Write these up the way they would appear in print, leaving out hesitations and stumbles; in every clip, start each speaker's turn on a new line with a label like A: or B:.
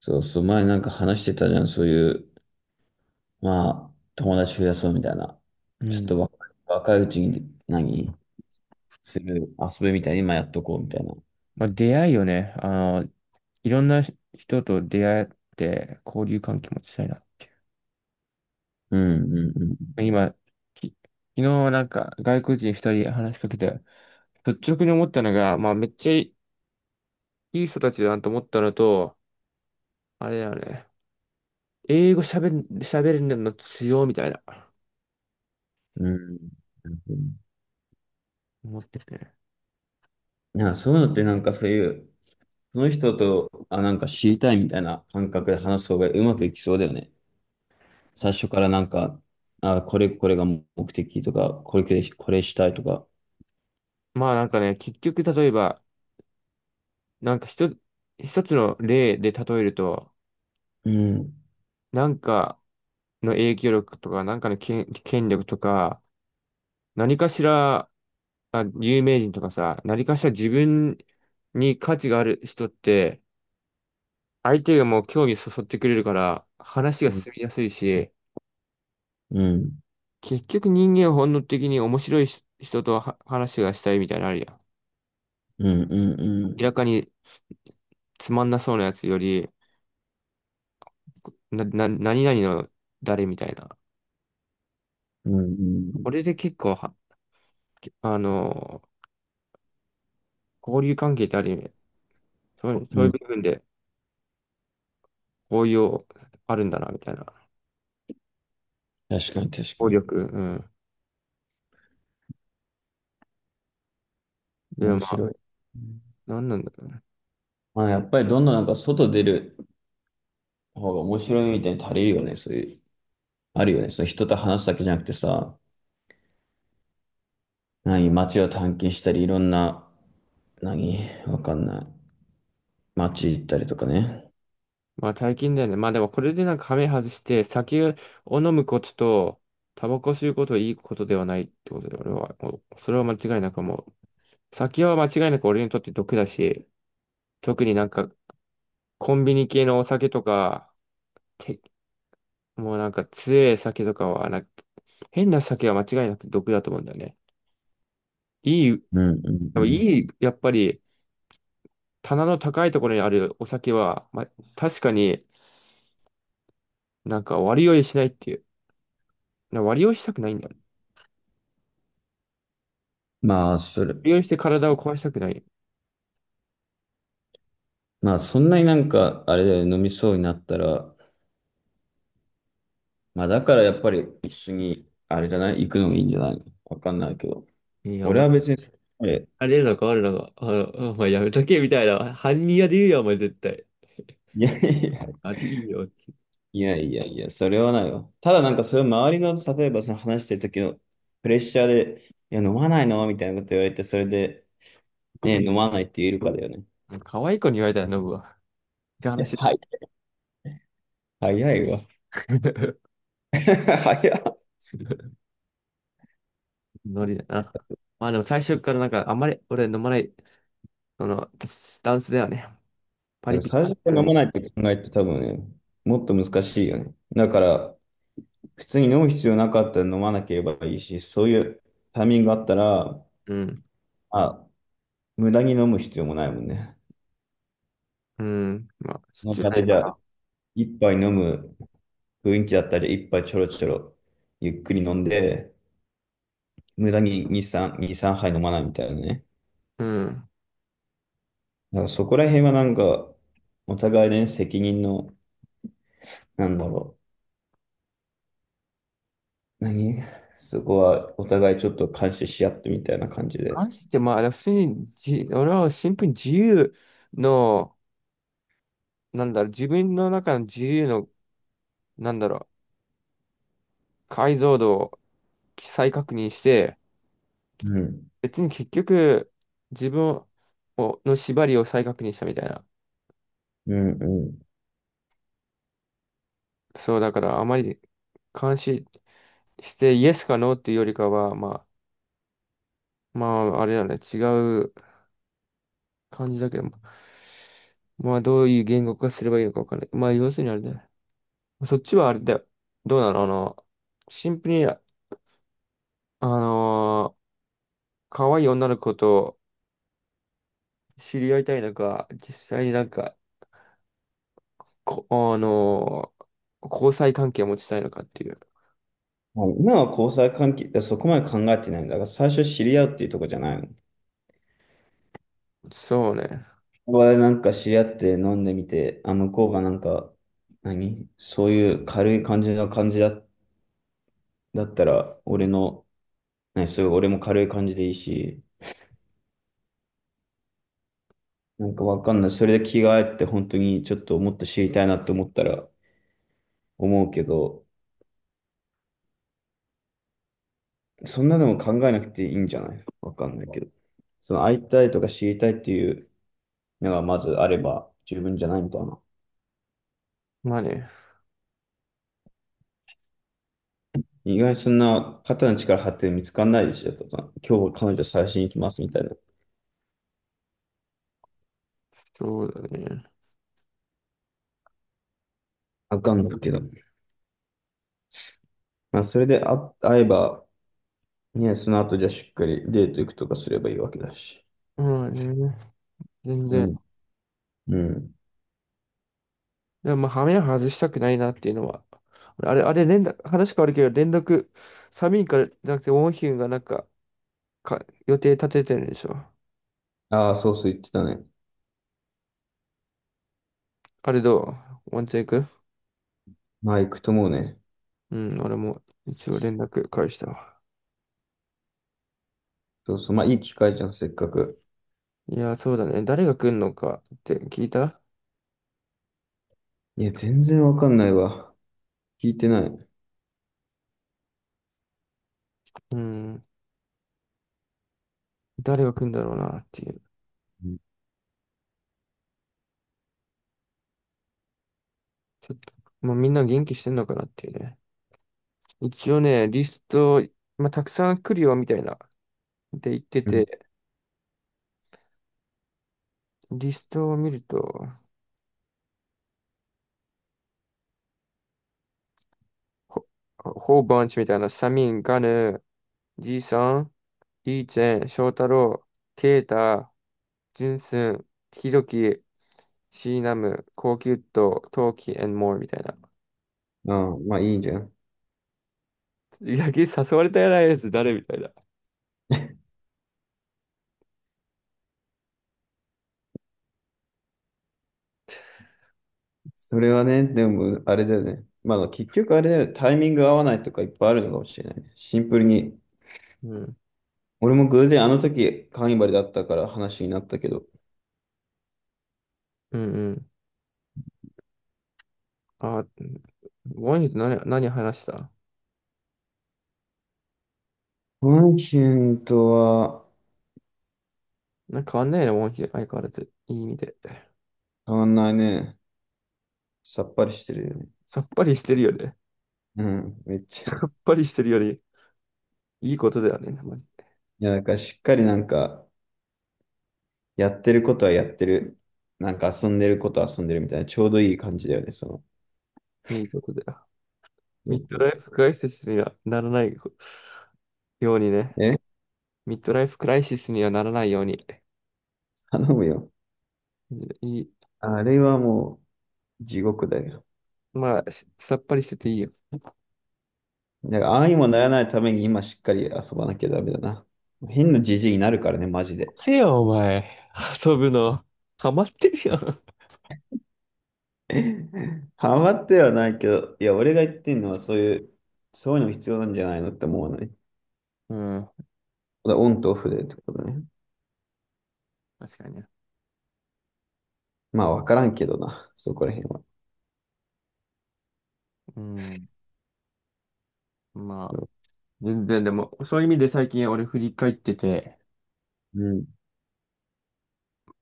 A: そうそう、前なんか話してたじゃん。そういう、まあ、友達増やそうみたいな。
B: う
A: ちょっ
B: ん。
A: と若いうちに何する遊びみたいに今やっとこうみたいな。
B: まあ、出会いよね。あの、いろんな人と出会って交流関係持ちたいな。
A: うんうん
B: 今、き昨日なんか外国人一人話しかけて、率直に思ったのが、まあめっちゃいい人たちだなと思ったのと、あれだよね。英語喋れるの強いみたいな、
A: うん。うん。
B: 思っててね。
A: なんかそういうのってなんかそういう、その人と、あ、なんか知りたいみたいな感覚で話す方がうまくいきそうだよね。最初からなんか、あ、これが目的とか、これしたいとか。
B: まあなんかね、結局例えば、なんか一つの例で例えると、
A: うん。
B: なんかの影響力とか、なんかの権力とか、何かしら、あ、有名人とかさ、何かしら自分に価値がある人って、相手がもう興味そそってくれるから、話が
A: うん。
B: 進みやすいし、
A: うん
B: 結局人間は本能的に面白いし人とは話がしたいみたいなのあるやん。
A: うんうん。
B: 明らかにつまんなそうなやつより、何々の誰みたいな。
A: うんう
B: こ
A: ん
B: れで結構は、あの、交流関係ってある意味、そういう、そう
A: う
B: いう
A: ん。
B: 部分で応用あるんだな、みたいな。
A: 確かに確か
B: 効
A: に。
B: 力、うん。でも
A: 面
B: まあ、
A: 白い。うん。
B: なんなんだろうね。
A: まあ、やっぱりどんどんなんか外出る方が面白いみたいに足りるよね。そういう、あるよね。その人と話すだけじゃなくてさ、何、街を探検したり、いろんな、何、わかんない。街行ったりとかね。
B: まあ、大金だよね。まあでも、これでなんか亀外して、酒を飲むことと、タバコ吸うことはいいことではないってことで、俺は、もうそれは間違いなくもう、酒は間違いなく俺にとって毒だし、特になんか、コンビニ系のお酒とか、てもうなんか強い酒とかはなんか、変な酒は間違いなく毒だと思うんだよね。いい、
A: うんうんうん。
B: いい、やっぱり、棚の高いところにあるお酒は、まあ、確かになんか割り酔いしないっていう。割り酔いしたくないんだよね。
A: まあ、それ、
B: 割り酔いして体を壊したくない。
A: まあ、そんなになんか、あれだよね。飲みそうになったら、まあ、だからやっぱり一緒に、あれじゃない、行くのもいいんじゃない、わかんないけど。
B: いや、お
A: 俺
B: 前、
A: は別に、え
B: あれるのか、あるのか、あ、お前やめとけ、みたいな。犯人やで言うよ、お前絶対。
A: いやいや
B: あいいよ、って。
A: いやいやいや、それはないわ。ただなんかそれを周りの、例えばその話してる時のプレッシャーで、いや、飲まないのみたいなこと言われて、それで、ね、飲まないって言えるかだよね。
B: 可愛い子に言われたら飲むわ。って
A: いや、
B: 話だ。
A: はい。早いわ。早い。
B: ノリだな。まあでも最初からなんか、あんまり俺飲まない、その、スタンスだよね。パ
A: なん
B: リ
A: か
B: ピ
A: 最
B: なん
A: 初か
B: だ
A: ら
B: よ
A: 飲
B: ね。
A: まないって考えって多分ね、もっと難しいよね。だから、普通に飲む必要なかったら飲まなければいいし、そういうタイミングがあったら、
B: うん。
A: まあ、無駄に飲む必要もないもんね。
B: うん。まあ、そ
A: そ
B: っ
A: の
B: ちじゃ
A: 場
B: な
A: で
B: い
A: じ
B: か
A: ゃあ、
B: な。
A: 一杯飲む雰囲気だったり、一杯ちょろちょろゆっくり飲んで、無駄に2、3、2、3杯飲まないみたいなね。
B: うん。
A: だからそこら辺はなんか、お互いね、責任の、なんだろう。何、そこはお互いちょっと監視し合ってみたいな感じで。
B: 視って、まあ、普通に俺はシンプルにの、自分の中の自由の、なんだろう、解像度を再確認して、
A: うん。
B: 別に結局、自分をの縛りを再確認したみたいな。
A: うん、うん。
B: そう、だから、あまり監視して、イエスかノーっていうよりかは、まあ、あれだね、違う感じだけども、まあ、どういう言語化すればいいのかわかんない。まあ、要するにあれだね、そっちはあれだよ。どうなのシンプルに、のー可愛い女の子と知り合いたいのか、実際になんか、こ、あのー交際関係を持ちたいのかっていう。
A: まあ今は交際関係、そこまで考えてないんだ。だから最初知り合うっていうとこじゃないの。
B: そうね。
A: ここでなんか知り合って飲んでみて、あ、向こうがなんか、何、そういう軽い感じの感じだ、だったら、俺の、何、そういう俺も軽い感じでいいし、なんかわかんない。それで着替えって本当にちょっともっと知りたいなって思ったら思うけど、そんなでも考えなくていいんじゃない、わかんないけど。その会いたいとか知りたいっていうのがまずあれば十分じゃないみたいな。
B: まあね。
A: 意外にそんな肩の力張って見つかんないでしょとか、今日彼女探しに行きますみたいな。
B: そうだね。
A: わかんないけど。まあそれであ会えば、ね、その後じゃあしっかりデート行くとかすればいいわけだし。
B: まあね。全
A: う
B: 然。
A: ん。うん。
B: でもまあ、羽目を外したくないなっていうのは。あれ、連絡、話変わるけど、連絡、サミンからじゃなくて、ウォンヒュンがなんか、予定立ててるんでしょ。
A: ああ、そうそう言ってたね。
B: あれどうワンチェン行ク。
A: まあ行くと思うね。
B: うん、俺も一応連絡返したわ。
A: そうそう、まあいい機会じゃん、せっかく。
B: いや、そうだね。誰が来んのかって聞いた。
A: いや、全然わかんないわ。聞いてない。う
B: うん。誰が来んだろうなっていう。
A: ん
B: ちょっと、もうみんな元気してんのかなっていうね。一応ね、リスト、まあ、たくさん来るよみたいな。で言って
A: うん。
B: て、リストを見ると、ほ、ホーバンチみたいな、サミン、ガヌ、ジーさん、イーチェン、ショウタロウ、ケイタ、ジュンスン、ヒドキ、シーナム、コウキュット、トウキ、and more みたいな。
A: ああ、まあいいじゃん。
B: 野球誘われたやつ誰みたいな。
A: それはね、でも、あれだよね。まあ結局あれだよね、タイミング合わないとかいっぱいあるのかもしれないね。シンプルに。
B: うん。
A: 俺も偶然あの時、カーニバルだったから話になったけど。
B: うんうん。あ、モンヒと何話した。
A: ワンヒンとは
B: なんか変わんないねモンヒ、相変わらず。いい意味で。
A: 変わんないね。さっぱりしてるよね。
B: さっぱりしてるよね。
A: うん、めっち
B: さ
A: ゃ。
B: っぱりしてるより、いいことだよね。ま
A: いや、なんかしっかりなんか、やってることはやってる。なんか遊んでることは遊んでるみたいな、ちょうどいい感じだよね、その。
B: じいいことだよ。ミッドライフクライシスにはならないようにね。
A: え、
B: ミッドライフクライシスにはならないように。
A: 頼むよ。
B: いい、
A: あれはもう地獄だよ。
B: まあ、さっぱりしてていいよ。
A: だからああにもならないために今しっかり遊ばなきゃダメだな。変なじじいになるからね、マジで。
B: せや、お前。遊ぶの。ハマってるやん。
A: ハマってはないけど、いや、俺が言ってんのはそういう、そういうの必要なんじゃないのって思わない。
B: うん。
A: だオンとオフでってことね。
B: 確かにね。
A: まあ、わからんけどな、そこら辺は。
B: うん。まあ。全然でも、そういう意味で最近俺振り返ってて、
A: うん。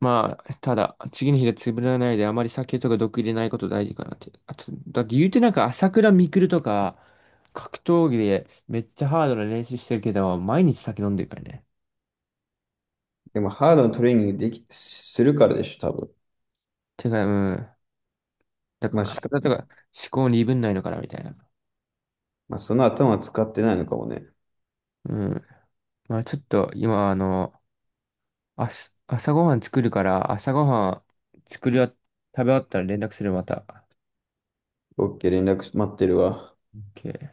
B: まあ、ただ、次の日が潰れないで、あまり酒とか毒入れないこと大事かなって。あと、だって言うてなんか朝倉未来とか、格闘技でめっちゃハードな練習してるけど、毎日酒飲んでるからね。
A: でも、ハードのトレーニングでき、するからでしょ、多分。
B: てか、うん。だ
A: まあ、
B: か
A: し
B: ら
A: か、
B: 体とか思考に鈍んないのかなみたいな。
A: まあ、その頭使ってないのかもね。
B: うん。まあちょっと今、あす朝ごはん作るから、朝ごはん作りあ、食べ終わったら連絡するまた。
A: OK、連絡待ってるわ。
B: OK。